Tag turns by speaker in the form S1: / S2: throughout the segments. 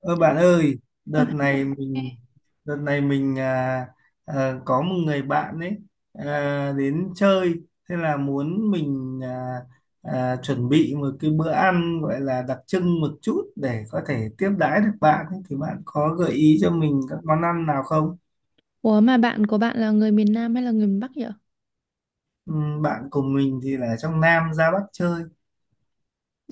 S1: Ơ bạn ơi,
S2: Ờ,
S1: đợt này mình đợt này mình có một người bạn ấy đến chơi, thế là muốn mình chuẩn bị một cái bữa ăn gọi là đặc trưng một chút để có thể tiếp đãi được bạn ấy. Thì bạn có gợi ý cho mình các món ăn nào không?
S2: Ủa mà bạn của bạn là người miền Nam hay là người miền Bắc vậy?
S1: Bạn cùng mình thì là trong Nam ra Bắc chơi.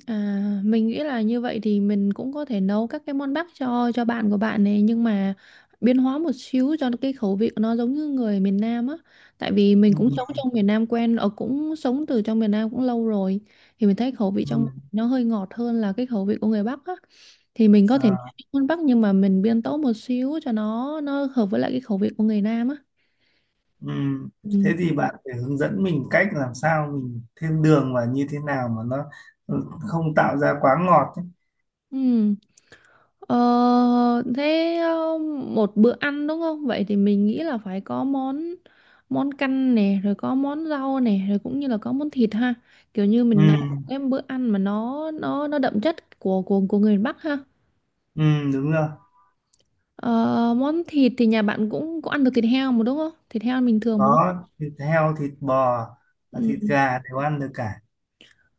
S2: À, mình nghĩ là như vậy thì mình cũng có thể nấu các cái món Bắc cho bạn của bạn này nhưng mà biến hóa một xíu cho cái khẩu vị của nó giống như người miền Nam á. Tại vì mình cũng
S1: Ừ,
S2: sống trong miền Nam quen, ở cũng sống từ trong miền Nam cũng lâu rồi thì mình thấy khẩu vị trong
S1: ừ,
S2: nó hơi ngọt hơn là cái khẩu vị của người Bắc á. Thì mình có thể nấu
S1: à.
S2: món Bắc nhưng mà mình biến tấu một xíu cho nó hợp với lại cái khẩu vị của người Nam á.
S1: Ừm,
S2: Ừ.
S1: Thế thì bạn phải hướng dẫn mình cách làm sao mình thêm đường và như thế nào mà nó không tạo ra quá ngọt ấy.
S2: Ừ. Ờ, Thế một bữa ăn đúng không? Vậy thì mình nghĩ là phải có món món canh nè, rồi có món rau nè, rồi cũng như là có món thịt ha. Kiểu như mình nấu một
S1: Ừm,
S2: cái bữa ăn mà nó đậm chất của người miền Bắc ha.
S1: đúng rồi.
S2: Ờ, món thịt thì nhà bạn cũng có ăn được thịt heo mà đúng không? Thịt heo bình thường mà đúng không?
S1: Có thịt heo, thịt bò, và
S2: Ừ.
S1: thịt gà đều ăn được cả.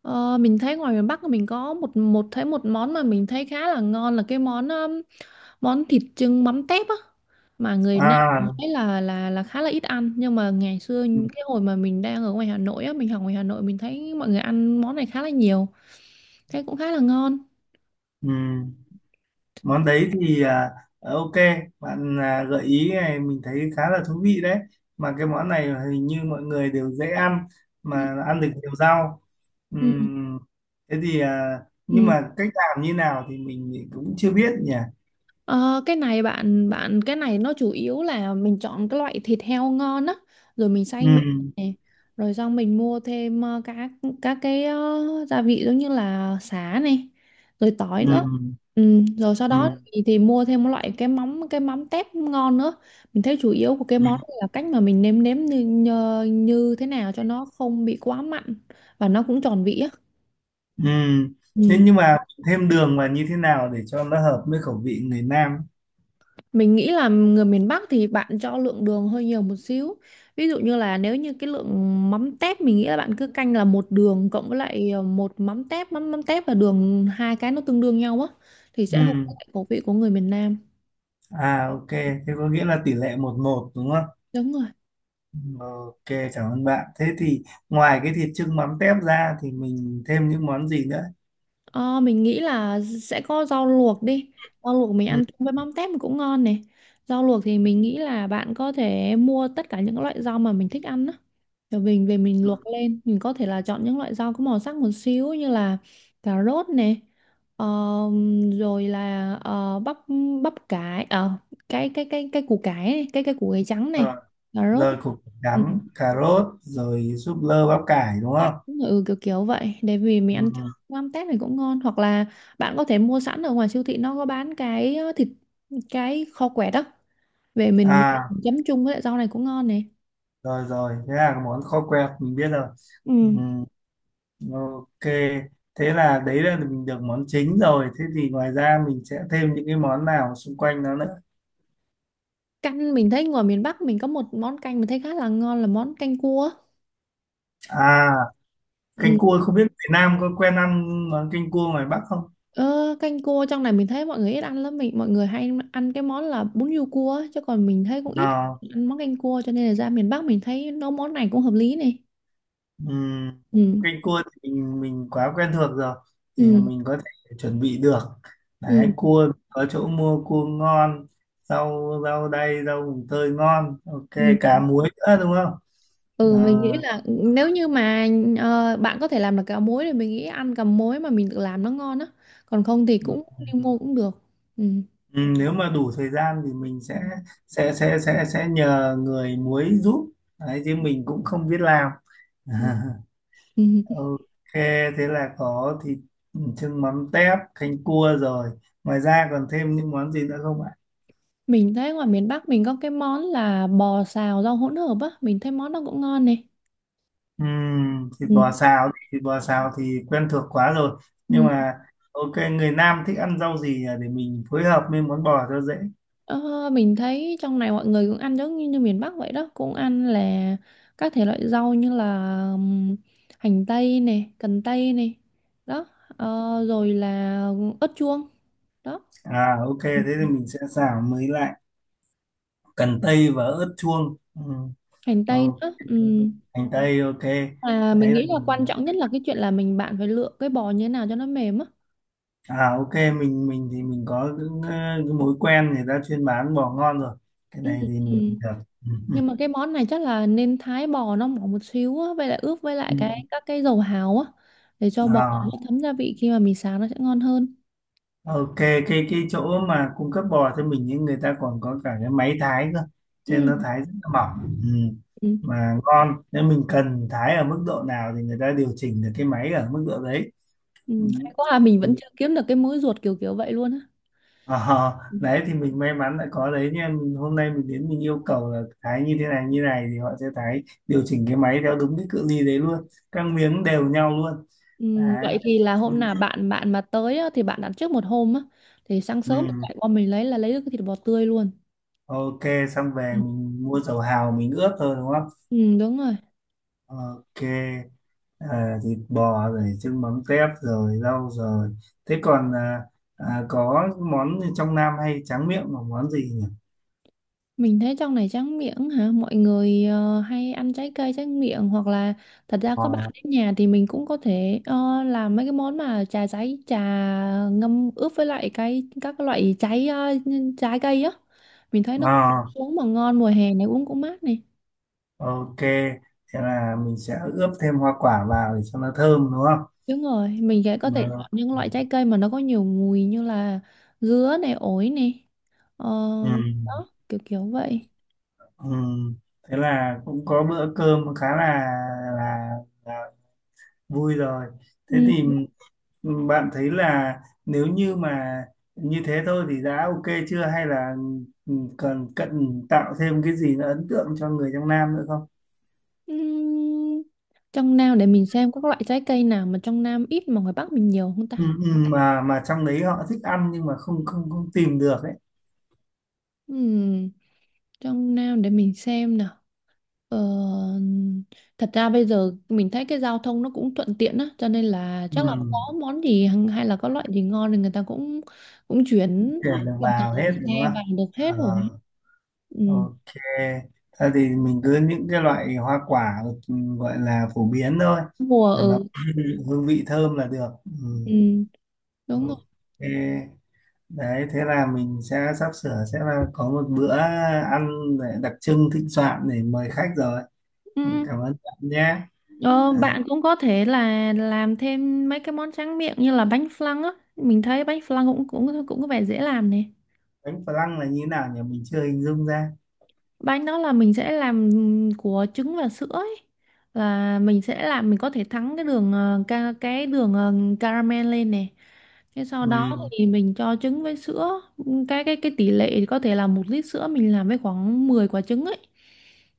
S2: Ờ, mình thấy ngoài miền Bắc mình có một một thấy một món mà mình thấy khá là ngon là cái món món thịt chưng mắm tép á mà người Nam mình
S1: À,
S2: thấy là khá là ít ăn nhưng mà ngày xưa
S1: ừm,
S2: cái hồi mà mình đang ở ngoài Hà Nội á mình học ngoài Hà Nội mình thấy mọi người ăn món này khá là nhiều thấy cũng khá là ngon.
S1: ừm. Món đấy thì ok, bạn, gợi ý này mình thấy khá là thú vị đấy, mà cái món này hình như mọi người đều dễ ăn,
S2: Ừ,
S1: mà ăn được nhiều rau.
S2: ừ,
S1: Ừm, thế thì nhưng
S2: ừ.
S1: mà cách làm như nào thì mình cũng chưa biết nhỉ.
S2: Ờ, cái này bạn bạn cái này nó chủ yếu là mình chọn cái loại thịt heo ngon á rồi mình xay nhuyễn
S1: Ừm,
S2: này rồi xong mình mua thêm các cái gia vị giống như là sả này rồi tỏi nữa,
S1: ừm,
S2: ừ, rồi sau đó
S1: ừm,
S2: thì mua thêm một loại cái mắm tép ngon nữa. Mình thấy chủ yếu của cái
S1: ừm,
S2: món này là cách mà mình nêm nếm như thế nào cho nó không bị quá mặn và nó cũng tròn vị á.
S1: ừm. Thế
S2: Ừ.
S1: nhưng mà thêm đường vào như thế nào để cho nó hợp với khẩu vị người Nam?
S2: Mình nghĩ là người miền Bắc thì bạn cho lượng đường hơi nhiều một xíu. Ví dụ như là nếu như cái lượng mắm tép mình nghĩ là bạn cứ canh là một đường cộng với lại một mắm tép, mắm mắm tép và đường hai cái nó tương đương nhau á thì sẽ hợp với
S1: Ừm,
S2: lại khẩu vị của người miền Nam.
S1: à ok, thế có nghĩa là tỷ lệ 1:1 đúng không?
S2: Đúng rồi.
S1: Ok, cảm ơn bạn. Thế thì ngoài cái thịt chưng mắm tép ra thì mình thêm những món gì nữa?
S2: Ờ, mình nghĩ là sẽ có rau luộc đi. Rau luộc mình
S1: Ừ,
S2: ăn chung với mắm tép cũng ngon này. Rau luộc thì
S1: ừ,
S2: mình nghĩ là bạn có thể mua tất cả những loại rau mà mình thích ăn á. Rồi mình về mình
S1: ừ,
S2: luộc lên mình có thể là chọn những loại rau có màu sắc một xíu như là cà rốt này, ờ, rồi là bắp bắp cải, cái củ cải này, cái củ cải trắng này,
S1: rồi,
S2: cà rốt,
S1: rồi
S2: ừ,
S1: cà rốt, rồi súp lơ, bắp cải đúng
S2: cay,
S1: không?
S2: ừ kiểu kiểu vậy để vì mình
S1: Ừ,
S2: ăn
S1: ừ.
S2: cho mắm tép này cũng ngon, hoặc là bạn có thể mua sẵn ở ngoài siêu thị nó có bán cái thịt, cái kho quẹt đó về mình
S1: À,
S2: chấm chung với lại rau này cũng ngon này.
S1: rồi rồi, thế là món kho quẹt mình biết rồi. Ừ,
S2: Ừ.
S1: ok, thế là đấy là mình được món chính rồi. Thế thì ngoài ra mình sẽ thêm những cái món nào xung quanh nó nữa?
S2: Canh mình thấy ngoài miền Bắc mình có một món canh mình thấy khá là ngon là món canh cua.
S1: À,
S2: Ừ.
S1: canh cua không biết Việt Nam có quen ăn món canh cua ngoài Bắc không?
S2: Ờ, canh cua trong này mình thấy mọi người ít ăn lắm, mọi người hay ăn cái món là bún riêu cua á, chứ còn mình thấy cũng ít
S1: À.
S2: ăn món canh cua cho nên là ra miền Bắc mình thấy nấu món này cũng hợp lý này.
S1: Ừm,
S2: Ừ.
S1: canh cua thì mình quá quen thuộc rồi, thì
S2: Ừ.
S1: mình có thể chuẩn bị được. Đấy,
S2: Ừ.
S1: cua có chỗ mua cua ngon, rau rau đay, rau mùng tơi ngon, ok,
S2: Ừ.
S1: cá muối nữa đúng không?
S2: Ừ,
S1: Ờ,
S2: mình nghĩ là nếu như mà bạn có thể làm được cà muối thì mình nghĩ ăn cà muối mà mình tự làm nó ngon á, còn không thì
S1: ừm,
S2: cũng đi mua cũng được. Ừ.
S1: nếu mà đủ thời gian thì mình sẽ nhờ người muối giúp, đấy chứ mình cũng không biết làm.
S2: Ừ. Ừ.
S1: Ok, thế là có thịt, chưng mắm tép, canh cua rồi, ngoài ra còn thêm những món gì nữa không ạ?
S2: Mình thấy ngoài miền Bắc mình có cái món là bò xào rau hỗn hợp á, mình thấy món đó cũng ngon này.
S1: Thịt
S2: Ừ.
S1: bò xào thịt bò xào thì quen thuộc quá rồi, nhưng
S2: Ừ.
S1: mà ok, người Nam thích ăn rau gì, để mình phối hợp với món bò cho dễ.
S2: Ờ, mình thấy trong này mọi người cũng ăn giống như miền Bắc vậy đó, cũng ăn là các thể loại rau như là hành tây này, cần tây này, đó, rồi là ớt chuông, đó.
S1: À ok,
S2: Ừ,
S1: thế thì mình sẽ xào mới lại cần tây và ớt chuông.
S2: hành tây
S1: Ok,
S2: nữa. Ừ.
S1: hành tây ok.
S2: À, mình
S1: Đấy là
S2: nghĩ là quan trọng nhất là cái chuyện là bạn phải lựa cái bò như thế nào cho nó mềm á.
S1: à ok mình thì mình có cái mối quen người ta chuyên bán bò ngon rồi, cái
S2: Ừ.
S1: này thì
S2: Ừ.
S1: mình được. Ừm,
S2: Nhưng mà cái món này chắc là nên thái bò nó mỏng một xíu á, vậy là ướp với lại
S1: ừm.
S2: cái các cái dầu hào á để cho bò
S1: À
S2: nó thấm gia vị khi mà mình xào nó sẽ ngon hơn.
S1: ok, cái chỗ mà cung cấp bò cho mình những người ta còn có cả cái máy thái cơ, cho nên
S2: Ừ.
S1: nó thái rất là mỏng, ừ.
S2: Ừ.
S1: Mà ngon. Nếu mình cần thái ở mức độ nào thì người ta điều chỉnh được cái máy ở mức độ đấy.
S2: Ừ.
S1: Ừ.
S2: Hay quá à, mình vẫn
S1: Ừ.
S2: chưa kiếm được cái múi ruột kiểu kiểu vậy luôn á.
S1: Ờ, đấy thì mình may mắn đã có đấy nha. Mình, hôm nay mình đến mình yêu cầu là thái như thế này như này thì họ sẽ thái, điều chỉnh cái máy theo đúng cái cự ly đấy luôn, các miếng đều nhau luôn.
S2: Ừ.
S1: Đấy.
S2: Vậy thì là
S1: Ừ.
S2: hôm nào bạn bạn mà tới á, thì bạn đặt trước một hôm á thì sáng
S1: Ừ.
S2: sớm chạy qua mình lấy là lấy được cái thịt bò tươi luôn.
S1: Ok, xong về
S2: Ừ.
S1: mình mua dầu hào mình ướp thôi đúng không?
S2: Ừ, đúng rồi.
S1: Ok, thịt bò rồi, trứng mắm tép rồi, rau rồi. Thế còn có món gì trong Nam hay tráng miệng là món gì nhỉ?
S2: Mình thấy trong này tráng miệng hả? Mọi người hay ăn trái cây tráng miệng hoặc là thật ra có bạn
S1: Ờ,
S2: đến nhà thì mình cũng có thể làm mấy cái món mà trà giấy, trà ngâm ướp với lại cái các cái loại trái cây á. Mình thấy nó cũng
S1: ờ,
S2: uống mà ngon, mùa hè này uống cũng mát này.
S1: ok, thế là mình sẽ ướp thêm hoa quả vào để cho nó thơm đúng không?
S2: Đúng rồi, mình sẽ có thể
S1: Ờ,
S2: chọn những loại trái cây mà nó có nhiều mùi như là dứa này, ổi này. Ờ,
S1: ừ.
S2: đó, kiểu kiểu vậy.
S1: Ừ. Thế là cũng có bữa cơm khá là, là vui rồi. Thế
S2: Ừ.
S1: thì bạn thấy là nếu như mà như thế thôi thì đã ok chưa, hay là cần cần tạo thêm cái gì nó ấn tượng cho người trong Nam nữa không?
S2: Ừm, trong Nam để mình xem có các loại trái cây nào mà trong Nam ít mà ngoài Bắc mình nhiều không ta?
S1: Ừ, ừ, mà trong đấy họ thích ăn nhưng mà không không không tìm được ấy.
S2: Ừm, trong Nam để mình xem nào. Ờ, thật ra bây giờ mình thấy cái giao thông nó cũng thuận tiện á, cho nên là
S1: Ừ,
S2: chắc là có món gì hay là có loại gì ngon thì người ta cũng cũng chuyển
S1: tuyển được
S2: bằng tàu
S1: vào hết
S2: dòng
S1: đúng
S2: xe
S1: không?
S2: vào được
S1: À,
S2: hết rồi. Ừm,
S1: ok, thôi thì mình cứ những cái loại hoa quả, gọi là phổ biến thôi,
S2: mùa
S1: mà
S2: ở,
S1: nó hương vị thơm là được, ừ.
S2: ừ, đúng
S1: Ok, đấy thế là mình sẽ sắp sửa sẽ là có một bữa ăn để đặc trưng, thịnh soạn để mời khách rồi.
S2: rồi.
S1: Cảm ơn bạn nhé.
S2: Ờ,
S1: À,
S2: bạn cũng có thể là làm thêm mấy cái món tráng miệng như là bánh flan á. Mình thấy bánh flan cũng cũng cũng có vẻ dễ làm nè.
S1: bánh phở lăng là như thế nào nhỉ, mình chưa hình dung ra.
S2: Bánh đó là mình sẽ làm của trứng và sữa ấy, là mình sẽ làm mình có thể thắng cái đường caramel lên này. Thế sau
S1: Ừ.
S2: đó thì mình cho trứng với sữa, cái tỷ lệ thì có thể là 1 lít sữa mình làm với khoảng 10 quả trứng ấy,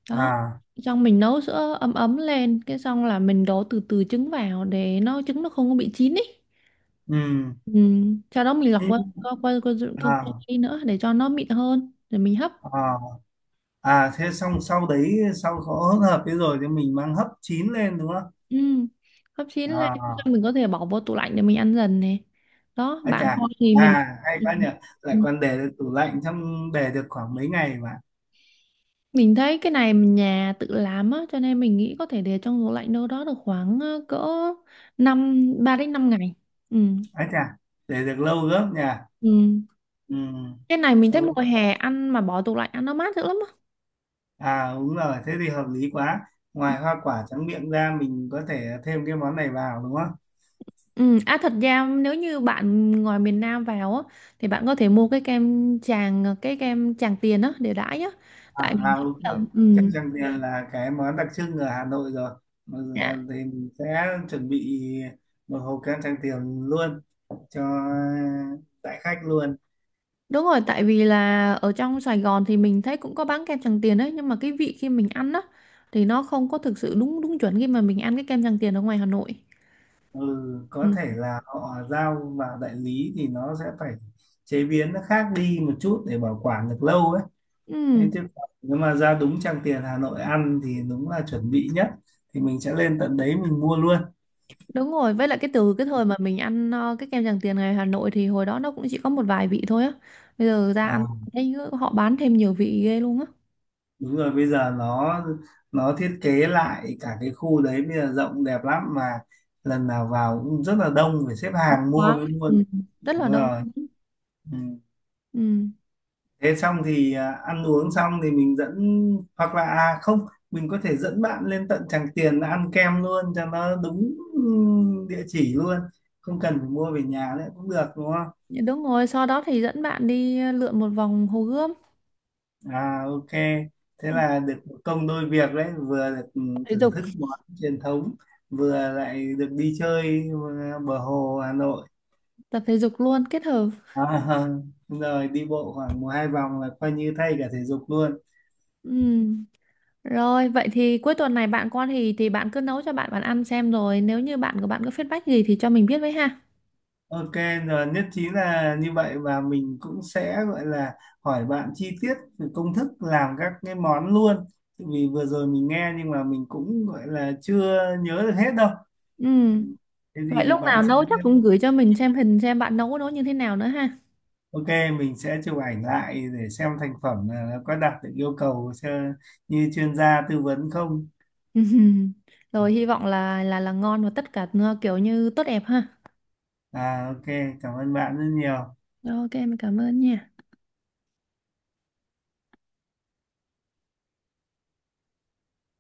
S2: đó,
S1: À,
S2: xong mình nấu sữa ấm ấm lên cái xong là mình đổ từ từ trứng vào để nó trứng nó không có bị chín ấy.
S1: ừ.
S2: Ừ. Sau đó mình lọc
S1: Thế-
S2: qua qua qua qua, qua, qua, qua,
S1: à
S2: qua nữa để cho nó mịn hơn rồi mình hấp.
S1: à Thế xong sau đấy, sau có hỗn hợp thế rồi thì mình mang hấp chín lên đúng không?
S2: Ừ. Hấp chín lên
S1: À,
S2: xong mình có thể bỏ vô tủ lạnh để mình ăn dần này. Đó,
S1: à
S2: bạn
S1: chà,
S2: thôi thì mình.
S1: à hay
S2: Ừ.
S1: quá nhỉ, lại
S2: Ừ.
S1: còn để được tủ lạnh, trong để được khoảng mấy ngày mà.
S2: Mình thấy cái này mình nhà tự làm á cho nên mình nghĩ có thể để trong tủ lạnh đâu đó được khoảng cỡ 3 đến 5 ngày. Ừ.
S1: À chà, để được lâu gấp nhỉ.
S2: Ừ.
S1: Ừ.
S2: Cái này mình thấy
S1: Ok.
S2: mùa hè ăn mà bỏ tủ lạnh ăn nó mát dữ lắm á.
S1: À đúng rồi, thế thì hợp lý quá. Ngoài hoa quả tráng miệng ra mình có thể thêm cái món này vào đúng không?
S2: Ừ. À thật ra nếu như bạn ngoài miền Nam vào á thì bạn có thể mua cái cái kem Tràng Tiền á để đãi á.
S1: À,
S2: Tại mình
S1: à
S2: thấy
S1: ok,
S2: là
S1: chắc
S2: ừ,
S1: rằng tiền là cái món đặc trưng ở Hà Nội rồi. Mà giờ thì mình sẽ chuẩn bị một hộp kem Tràng Tiền luôn cho đại khách luôn.
S2: đúng rồi, tại vì là ở trong Sài Gòn thì mình thấy cũng có bán kem Tràng Tiền đấy, nhưng mà cái vị khi mình ăn á thì nó không có thực sự đúng đúng chuẩn khi mà mình ăn cái kem Tràng Tiền ở ngoài Hà Nội.
S1: Ừ,
S2: Ừ.
S1: có thể là họ giao vào đại lý thì nó sẽ phải chế biến nó khác đi một chút để bảo quản được lâu ấy.
S2: Ừ,
S1: Thế chứ còn nếu mà ra đúng Trang Tiền Hà Nội ăn thì đúng là chuẩn bị nhất, thì mình sẽ lên tận đấy mình mua luôn.
S2: đúng rồi, với lại cái từ cái thời mà mình ăn cái kem Tràng Tiền ngoài Hà Nội thì hồi đó nó cũng chỉ có một vài vị thôi á. Bây giờ ra ăn
S1: À,
S2: thấy họ bán thêm nhiều vị ghê luôn á.
S1: đúng rồi, bây giờ nó thiết kế lại cả cái khu đấy, bây giờ rộng đẹp lắm mà, lần nào vào cũng rất là đông, phải xếp
S2: Không
S1: hàng mua
S2: có.
S1: mới mua được.
S2: Ừ, rất là
S1: Đúng
S2: đông.
S1: rồi, ừ.
S2: Ừ,
S1: Thế xong thì ăn uống xong thì mình dẫn, hoặc là à không, mình có thể dẫn bạn lên tận Tràng Tiền ăn kem luôn cho nó đúng, địa chỉ luôn, không cần phải mua về nhà nữa cũng được đúng.
S2: đúng rồi, sau đó thì dẫn bạn đi lượn một vòng Hồ Gươm,
S1: À ok, thế là được một công đôi việc đấy, vừa được,
S2: tập thể
S1: thưởng
S2: dục,
S1: thức món truyền thống, vừa lại được đi chơi bờ hồ Hà Nội.
S2: tập thể dục luôn kết hợp.
S1: À, rồi đi bộ khoảng một hai vòng là coi như thay cả thể dục luôn.
S2: Ừ. Rồi, vậy thì cuối tuần này bạn con thì bạn cứ nấu cho bạn bạn ăn xem rồi nếu như bạn của bạn có feedback gì thì cho mình biết với ha.
S1: Ok, rồi nhất trí là như vậy, và mình cũng sẽ gọi là hỏi bạn chi tiết về công thức làm các cái món luôn. Vì vừa rồi mình nghe nhưng mà mình cũng gọi là chưa nhớ được hết đâu.
S2: Ừ.
S1: Thế
S2: Vậy
S1: thì
S2: lúc
S1: bạn
S2: nào
S1: sẽ
S2: nấu chắc cũng gửi cho mình xem hình xem bạn nấu nấu như thế nào nữa ha.
S1: Ok, mình sẽ chụp ảnh lại để xem thành phẩm là nó có đạt được yêu cầu cho- như chuyên gia tư vấn không.
S2: Rồi hy vọng là ngon và tất cả nó kiểu như tốt đẹp ha.
S1: À, ok, cảm ơn bạn rất nhiều.
S2: Rồi, ok, mình cảm ơn nha.